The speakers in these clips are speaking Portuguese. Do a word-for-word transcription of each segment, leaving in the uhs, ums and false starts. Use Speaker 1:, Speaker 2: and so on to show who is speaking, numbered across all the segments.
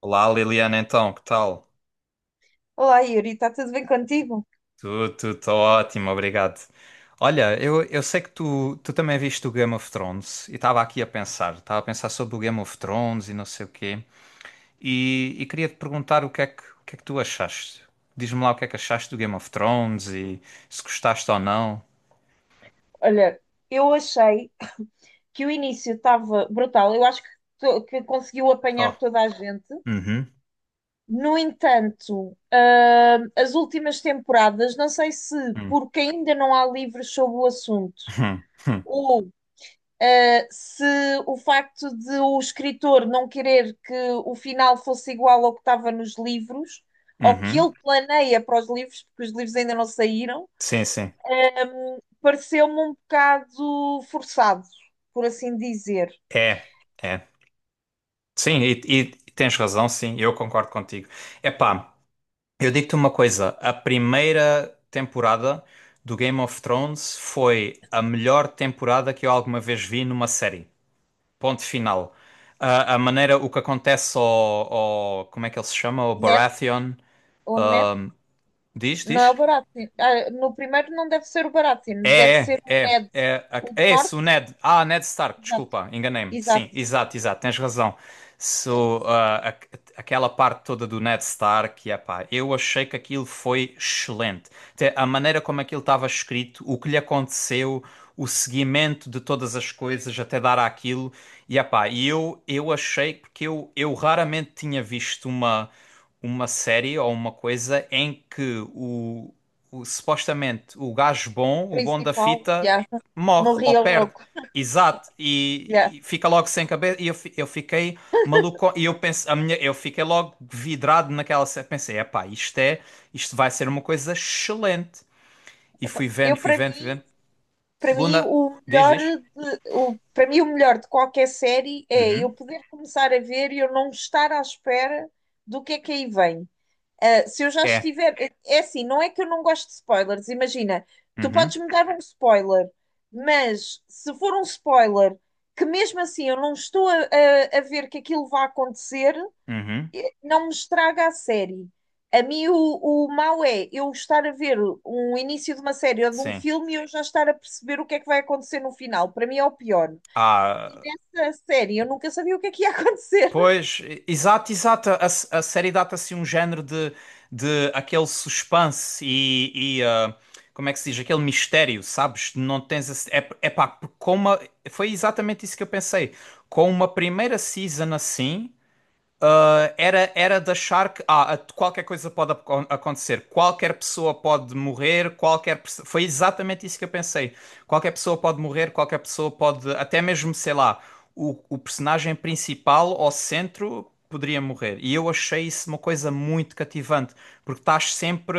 Speaker 1: Olá Liliana, então, que tal?
Speaker 2: Olá, Yuri, está tudo bem contigo?
Speaker 1: Tu, tu, tô ótimo, obrigado. Olha, eu, eu sei que tu, tu também viste o Game of Thrones e estava aqui a pensar, estava a pensar sobre o Game of Thrones e não sei o quê, e, e queria te perguntar o que é que, o que é que tu achaste. Diz-me lá o que é que achaste do Game of Thrones e se gostaste ou não.
Speaker 2: Olha, eu achei que o início estava brutal. Eu acho que, to- que conseguiu apanhar
Speaker 1: Oh.
Speaker 2: toda a gente.
Speaker 1: Uhum.
Speaker 2: No entanto, ah, as últimas temporadas, não sei se
Speaker 1: Uhum.
Speaker 2: porque ainda não há livros sobre o assunto,
Speaker 1: Uhum.
Speaker 2: ou ah, se o facto de o escritor não querer que o final fosse igual ao que estava nos livros, ou que ele
Speaker 1: Uhum.
Speaker 2: planeia para os livros, porque os livros ainda não saíram.
Speaker 1: Sim, sim.
Speaker 2: Pareceu-me um bocado forçado, por assim dizer.
Speaker 1: É, é. Sim, e, e tens razão, sim, eu concordo contigo. Epá. Eu digo-te uma coisa, a primeira temporada do Game of Thrones foi a melhor temporada que eu alguma vez vi numa série. Ponto final. A, a maneira, o que acontece ao, ao- como é que ele se chama? O
Speaker 2: Net
Speaker 1: Baratheon.
Speaker 2: ou net?
Speaker 1: ahm, Diz,
Speaker 2: Não é o
Speaker 1: diz?
Speaker 2: Baratheon. Ah, no primeiro não deve ser o Baratheon, deve
Speaker 1: É,
Speaker 2: ser
Speaker 1: é,
Speaker 2: o
Speaker 1: é,
Speaker 2: Ned,
Speaker 1: é, a-
Speaker 2: o do
Speaker 1: é esse o
Speaker 2: norte.
Speaker 1: Ned. Ah, Ned Stark,
Speaker 2: Exato,
Speaker 1: desculpa, enganei-me.
Speaker 2: exato.
Speaker 1: Sim, exato, exato, tens razão. So, ah, a- Aquela parte toda do Ned Stark, epá, eu achei que aquilo foi excelente. Até a maneira como aquilo estava escrito, o que lhe aconteceu, o seguimento de todas as coisas até dar àquilo, e epá, e eu, eu achei, porque eu, eu raramente tinha visto uma uma série ou uma coisa em que o, o- supostamente o gajo bom, o bom da
Speaker 2: Principal.
Speaker 1: fita,
Speaker 2: Yeah.
Speaker 1: morre ou
Speaker 2: Morria
Speaker 1: perde.
Speaker 2: logo.
Speaker 1: Exato,
Speaker 2: Yeah.
Speaker 1: e, e fica logo sem cabeça. E eu, fi- eu fiquei maluco. E eu penso, a minha, eu fiquei logo vidrado naquela série. Pensei, epá, isto é, isto vai ser uma coisa excelente. E fui vendo,
Speaker 2: Eu,
Speaker 1: fui
Speaker 2: para
Speaker 1: vendo, fui
Speaker 2: mim,
Speaker 1: vendo.
Speaker 2: para mim,
Speaker 1: Segunda,
Speaker 2: o
Speaker 1: Diz,
Speaker 2: melhor
Speaker 1: diz?
Speaker 2: de, o, para mim, o melhor de qualquer série é eu poder começar a ver e eu não estar à espera do que é que aí vem. Uh, se eu já
Speaker 1: É.
Speaker 2: estiver. É assim, não é que eu não gosto de spoilers, imagina, tu podes
Speaker 1: Uhum,
Speaker 2: me dar um spoiler, mas se for um spoiler que mesmo assim eu não estou a, a- a ver que aquilo vai acontecer,
Speaker 1: uhum,
Speaker 2: eh, não me estraga a série. A mim o, o mau é eu estar a ver um início de uma série ou de um
Speaker 1: sim.
Speaker 2: filme e eu já estar a perceber o que é que vai acontecer no final. Para mim é o pior. E
Speaker 1: Ah.
Speaker 2: nessa série eu nunca sabia o que é que ia acontecer.
Speaker 1: Pois, e- exato, exato. A, s- a série dá-te assim um género de, de aquele suspense e, e, ah, como é que se diz? Aquele mistério, sabes? Não tens esse- É, é pá, com uma, foi exatamente isso que eu pensei. Com uma primeira season assim. Ah, era, era de achar que ah, a- qualquer coisa pode aco- acontecer, qualquer pessoa pode morrer, qualquer pessoa. Foi exatamente isso que eu pensei. Qualquer pessoa pode morrer, qualquer pessoa pode. Até mesmo, sei lá, o, o personagem principal ao centro poderia morrer. E eu achei isso uma coisa muito cativante, porque estás sempre,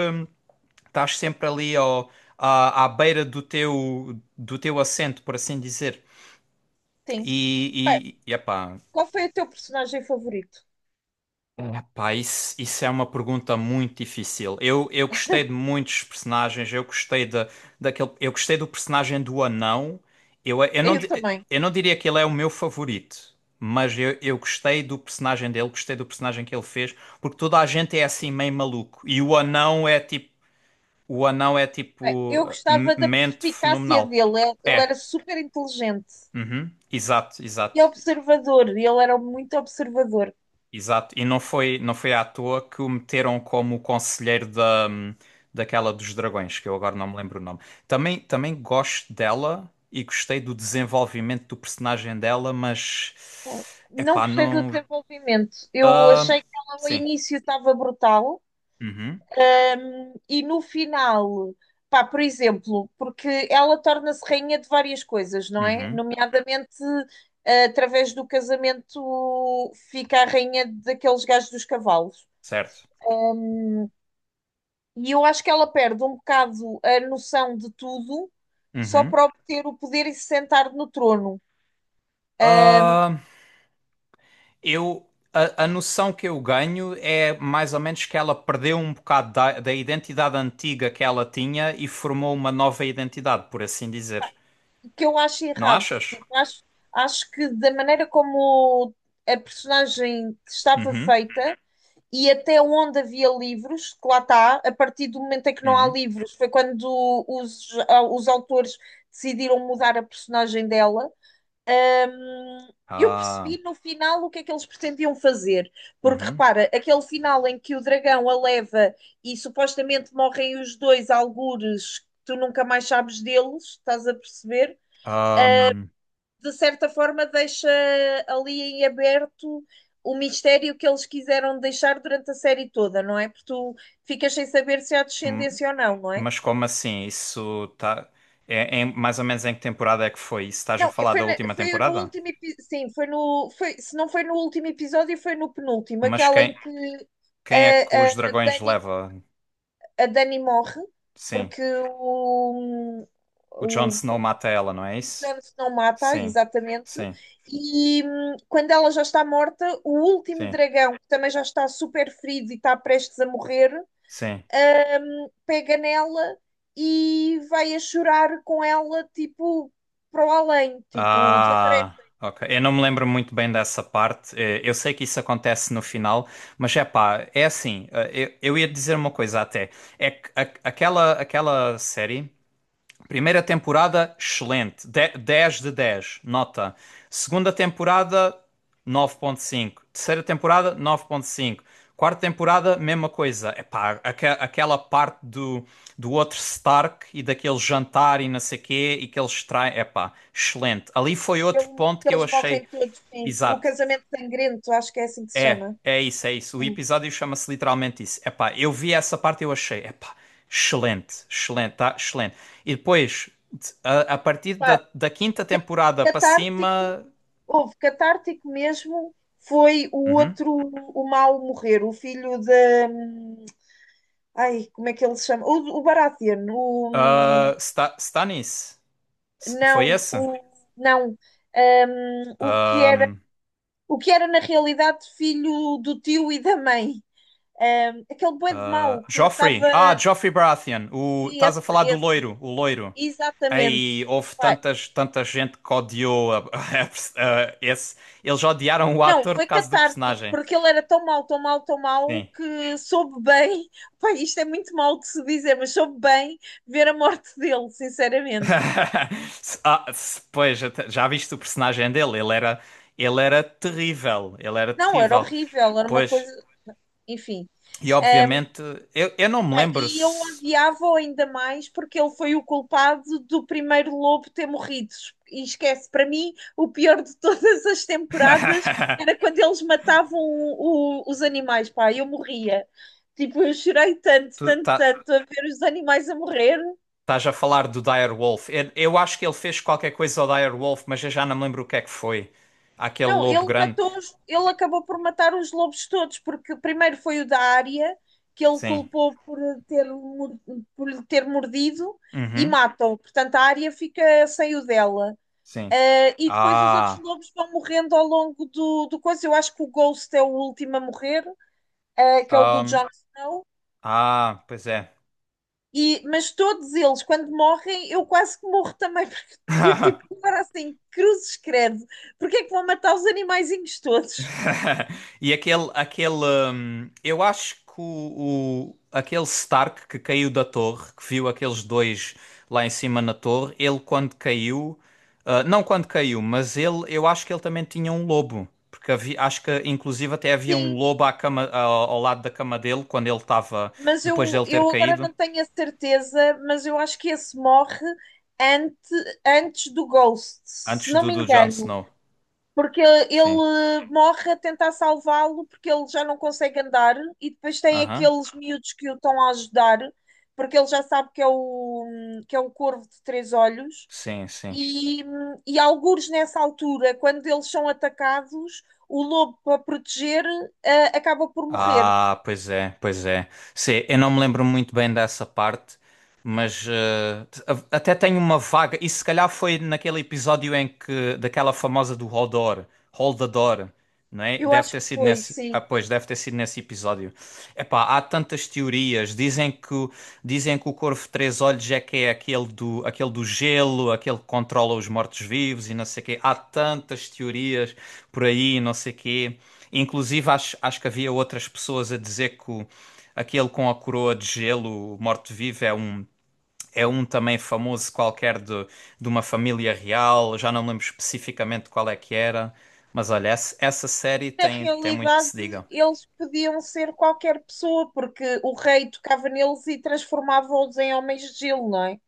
Speaker 1: estás sempre ali ao, à, à beira do teu, do teu assento, por assim dizer.
Speaker 2: Sim.
Speaker 1: E,
Speaker 2: Pá,
Speaker 1: e, e epá.
Speaker 2: qual foi o teu personagem favorito?
Speaker 1: Epá, isso, isso é uma pergunta muito difícil. Eu, eu gostei de muitos personagens, eu gostei de, daquele, eu gostei do personagem do anão. Eu, eu não,
Speaker 2: Eu
Speaker 1: di-
Speaker 2: também.
Speaker 1: eu não diria que ele é o meu favorito, mas eu, eu gostei do personagem dele, gostei do personagem que ele fez, porque toda a gente é assim meio maluco. E o anão é tipo, o anão é
Speaker 2: Bem,
Speaker 1: tipo
Speaker 2: eu
Speaker 1: uh, m-
Speaker 2: gostava da
Speaker 1: mente
Speaker 2: perspicácia
Speaker 1: fenomenal.
Speaker 2: dele, ele ele
Speaker 1: É,
Speaker 2: era super inteligente
Speaker 1: uhum, exato,
Speaker 2: e
Speaker 1: exato.
Speaker 2: observador, ele era muito observador.
Speaker 1: Exato, e não foi, não foi à toa que o meteram como o conselheiro da, daquela dos dragões, que eu agora não me lembro o nome. Também, também gosto dela e gostei do desenvolvimento do personagem dela, mas
Speaker 2: Não
Speaker 1: epá,
Speaker 2: gostei do
Speaker 1: não.
Speaker 2: desenvolvimento, eu
Speaker 1: Ah,
Speaker 2: achei que ela ao
Speaker 1: sim.
Speaker 2: início estava brutal.
Speaker 1: Uhum,
Speaker 2: Hum, e no final, pá, por exemplo, porque ela torna-se rainha de várias coisas, não é?
Speaker 1: uhum,
Speaker 2: Nomeadamente, eh, através do casamento, fica a rainha daqueles gajos dos cavalos.
Speaker 1: certo.
Speaker 2: E eu acho que ela perde um bocado a noção de tudo só
Speaker 1: Uhum.
Speaker 2: para obter o poder e se sentar no trono,
Speaker 1: Ah, eu, a, a noção que eu ganho é mais ou menos que ela perdeu um bocado da, da identidade antiga que ela tinha e formou uma nova identidade, por assim dizer.
Speaker 2: o que eu acho
Speaker 1: Não
Speaker 2: errado.
Speaker 1: achas?
Speaker 2: Tipo, acho, acho que da maneira como a personagem estava
Speaker 1: Uhum,
Speaker 2: feita e até onde havia livros, que lá está, a partir do momento em que não há
Speaker 1: uhum.
Speaker 2: livros, foi quando os, os autores decidiram mudar a personagem dela. Eu
Speaker 1: Ah,
Speaker 2: percebi no final o que é que eles pretendiam fazer, porque
Speaker 1: uhum.
Speaker 2: repara, aquele final em que o dragão a leva e supostamente morrem os dois algures, que tu nunca mais sabes deles, estás a perceber?
Speaker 1: Ahm,
Speaker 2: De certa forma, deixa ali em aberto o mistério que eles quiseram deixar durante a série toda, não é? Porque tu ficas sem saber se há
Speaker 1: m-
Speaker 2: descendência ou não, não é?
Speaker 1: mas como assim? Isso tá. É, é mais ou menos em que temporada é que foi? Isso estás a
Speaker 2: Não, é-
Speaker 1: falar
Speaker 2: foi,
Speaker 1: da
Speaker 2: na-
Speaker 1: última
Speaker 2: foi no
Speaker 1: temporada?
Speaker 2: último episódio. Sim, foi no. Foi, se não foi no último episódio, foi no penúltimo,
Speaker 1: Mas
Speaker 2: aquela em
Speaker 1: quem,
Speaker 2: que
Speaker 1: quem é que
Speaker 2: a,
Speaker 1: os
Speaker 2: a
Speaker 1: dragões
Speaker 2: Dani,
Speaker 1: leva?
Speaker 2: a Dani morre
Speaker 1: Sim.
Speaker 2: porque o,
Speaker 1: O
Speaker 2: o,
Speaker 1: Jon Snow mata ela, não é
Speaker 2: o
Speaker 1: isso?
Speaker 2: Jones não mata,
Speaker 1: Sim,
Speaker 2: exatamente.
Speaker 1: sim,
Speaker 2: E hum, quando ela já está morta, o último
Speaker 1: sim,
Speaker 2: dragão, que também já está super ferido e está prestes a morrer,
Speaker 1: sim.
Speaker 2: hum, pega nela e vai a chorar com ela, tipo, para o além, tipo, desaparece.
Speaker 1: Ah, ok. Eu não me lembro muito bem dessa parte. Eh, Eu sei que isso acontece no final, mas é pá, é assim. eh, Eu, eu ia dizer uma coisa até. É que a- aquela, aquela série. Primeira temporada, excelente. De- dez de dez nota. Segunda temporada, nove vírgula cinco. Terceira temporada, nove vírgula cinco. Quarta temporada, mesma coisa. Epá, aque- aquela parte do, do outro Stark e daquele jantar e não sei quê e que eles traem. Epá, excelente. Ali foi outro
Speaker 2: Ele-
Speaker 1: ponto que eu
Speaker 2: Eles
Speaker 1: achei.
Speaker 2: morrem todos, sim. O
Speaker 1: Exato.
Speaker 2: casamento sangrento, acho que é assim que se
Speaker 1: É,
Speaker 2: chama.
Speaker 1: é isso, é isso. O
Speaker 2: Sim.
Speaker 1: episódio chama-se literalmente isso. Epá, eu vi essa parte e eu achei, epá, excelente, excelente, tá? Excelente. E depois, de- a, a partir
Speaker 2: Pá,
Speaker 1: da, da quinta temporada para
Speaker 2: catártico,
Speaker 1: cima.
Speaker 2: houve catártico mesmo, foi o
Speaker 1: Uhum.
Speaker 2: outro, o mau morrer, o filho da. hum, Ai, como é que ele se chama? O, O Baratheon, o. hum,
Speaker 1: Ah, está, está nisso. S- Foi
Speaker 2: Não,
Speaker 1: esse?
Speaker 2: o. Não. Hum, o que era,
Speaker 1: Ahm,
Speaker 2: o que era na realidade filho do tio e da mãe. Hum, aquele boi de mau
Speaker 1: ah,
Speaker 2: que
Speaker 1: Joffrey.
Speaker 2: estava.
Speaker 1: Ah, Joffrey Baratheon. O, estás a
Speaker 2: Esse,
Speaker 1: falar do
Speaker 2: esse,
Speaker 1: loiro, o loiro.
Speaker 2: exatamente.
Speaker 1: Aí houve
Speaker 2: Pá,
Speaker 1: tantas, tanta gente que odiou a- a pers- a- esse. Eles odiaram o
Speaker 2: não,
Speaker 1: ator por
Speaker 2: foi
Speaker 1: causa do
Speaker 2: catártico,
Speaker 1: personagem.
Speaker 2: porque ele era tão mau, tão mau, tão mau,
Speaker 1: Sim.
Speaker 2: que soube bem. Pá, isto é muito mau de se dizer, mas soube bem ver a morte dele, sinceramente.
Speaker 1: Ah, se- pois, até- já viste o personagem dele? Ele era, ele era terrível. Ele era
Speaker 2: Não, era
Speaker 1: terrível.
Speaker 2: horrível, era uma coisa.
Speaker 1: Pois,
Speaker 2: Enfim.
Speaker 1: e
Speaker 2: Ah,
Speaker 1: obviamente, eu, eu não me
Speaker 2: pá,
Speaker 1: lembro
Speaker 2: e eu
Speaker 1: se.
Speaker 2: odiava-o ainda mais porque ele foi o culpado do primeiro lobo ter morrido. E esquece, para mim, o pior de todas as temporadas era quando eles matavam o- os animais, pá, eu morria. Tipo, eu chorei tanto,
Speaker 1: Tu
Speaker 2: tanto,
Speaker 1: tá,
Speaker 2: tanto a ver os animais a morrer.
Speaker 1: Estás a falar do Dire Wolf. Eu, eu acho que ele fez qualquer coisa ao Dire Wolf, mas eu já não me lembro o que é que foi. Aquele
Speaker 2: Não,
Speaker 1: lobo
Speaker 2: ele
Speaker 1: grande.
Speaker 2: matou, os- ele acabou por matar os lobos todos, porque primeiro foi o da área, que ele
Speaker 1: Sim.
Speaker 2: culpou por ter, mor- por lhe ter mordido, e
Speaker 1: Uhum.
Speaker 2: matam. Portanto, a área fica sem o dela.
Speaker 1: Sim.
Speaker 2: Uh, e depois os outros
Speaker 1: Ah.
Speaker 2: lobos vão morrendo ao longo do, do coisa. Eu acho que o Ghost é o último a morrer, uh, que é o do
Speaker 1: ahm,
Speaker 2: Jon Snow.
Speaker 1: ah, Pois é.
Speaker 2: E, mas todos eles, quando morrem, eu quase que morro também, porque eu, tipo, agora assim, cruzes credo, porque é que vão matar os animaizinhos todos?
Speaker 1: E aquele, aquele, hum, eu acho que o, o- aquele Stark que caiu da torre, que viu aqueles dois lá em cima na torre, ele quando caiu, ah, não quando caiu, mas ele, eu acho que ele também tinha um lobo, porque havia- acho que inclusive até havia um
Speaker 2: Sim,
Speaker 1: lobo à cama, ao, ao lado da cama dele quando ele estava,
Speaker 2: mas
Speaker 1: depois
Speaker 2: eu,
Speaker 1: dele ter
Speaker 2: eu agora
Speaker 1: caído,
Speaker 2: não tenho a certeza, mas eu acho que esse morre ante, antes do Ghost, se
Speaker 1: antes
Speaker 2: não
Speaker 1: do,
Speaker 2: me
Speaker 1: do Jon
Speaker 2: engano.
Speaker 1: Snow.
Speaker 2: Porque
Speaker 1: Sim,
Speaker 2: ele morre a tentar salvá-lo porque ele já não consegue andar e depois tem
Speaker 1: aham,
Speaker 2: aqueles miúdos que o estão a ajudar porque ele já sabe que é o, que é o corvo de três olhos
Speaker 1: Sim, sim.
Speaker 2: e, e algures nessa altura, quando eles são atacados, o lobo para proteger eh, acaba por morrer.
Speaker 1: Ah, pois é, pois é. Sim, eu não me lembro muito bem dessa parte, mas eh, a- até tenho uma vaga. Isso se calhar foi naquele episódio em que daquela famosa do Hodor, Holdador não é?
Speaker 2: Eu
Speaker 1: Deve
Speaker 2: acho
Speaker 1: ter
Speaker 2: que
Speaker 1: sido
Speaker 2: foi,
Speaker 1: nesse, ah,
Speaker 2: sim.
Speaker 1: pois, deve ter sido nesse episódio. Epá, há tantas teorias. Dizem que, o- dizem que o Corvo de Três Olhos é que é aquele do, aquele do gelo, aquele que controla os mortos-vivos e não sei o quê. Há tantas teorias por aí, não sei o quê. Inclusive, acho, acho que havia outras pessoas a dizer que o- aquele com a coroa de gelo, o morto-vivo, é um é um também famoso qualquer de, de uma família real, já não me lembro especificamente qual é que era, mas olha, essa, essa série
Speaker 2: Na
Speaker 1: tem, tem muito que se
Speaker 2: realidade,
Speaker 1: diga.
Speaker 2: eles podiam ser qualquer pessoa, porque o rei tocava neles e transformava-os em homens de gelo, não é?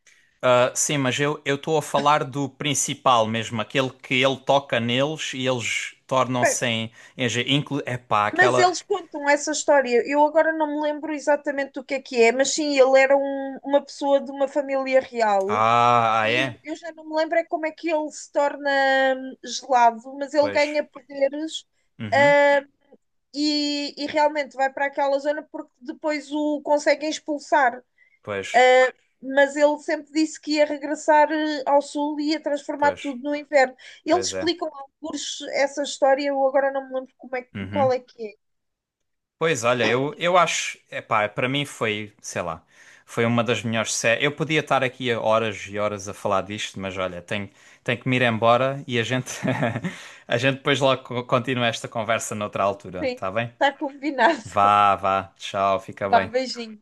Speaker 1: Ah, sim, mas eu eu estou a falar do principal mesmo, aquele que ele toca neles e eles tornam-se em, em ge- inclu, epá,
Speaker 2: Mas
Speaker 1: aquela.
Speaker 2: eles contam essa história. Eu agora não me lembro exatamente do que é que é, mas sim, ele era um- uma pessoa de uma família real.
Speaker 1: Ah, ah,
Speaker 2: E eu,
Speaker 1: é?
Speaker 2: eu já não me lembro é como é que ele se torna hum, gelado, mas ele
Speaker 1: Pois,
Speaker 2: ganha poderes,
Speaker 1: uhum,
Speaker 2: ah, e, e realmente vai para aquela zona porque depois o conseguem expulsar.
Speaker 1: pois,
Speaker 2: Ah, mas ele sempre disse que ia regressar eh, ao sul e ia transformar
Speaker 1: pois,
Speaker 2: tudo no inverno. Eles
Speaker 1: pois é.
Speaker 2: explicam alguns essa história, eu agora não me lembro como é, que- qual
Speaker 1: Uhum.
Speaker 2: é que é.
Speaker 1: Pois olha, eu, eu acho, epá, para mim foi, sei lá, foi uma das melhores séries. Eu podia estar aqui a horas e horas a falar disto, mas olha, tenho, tenho que me ir embora e a gente a gente depois logo co- continua esta conversa noutra altura,
Speaker 2: Sim,
Speaker 1: tá bem?
Speaker 2: tá combinado.
Speaker 1: Vá, vá, tchau, fica
Speaker 2: Vá,
Speaker 1: bem.
Speaker 2: beijinho.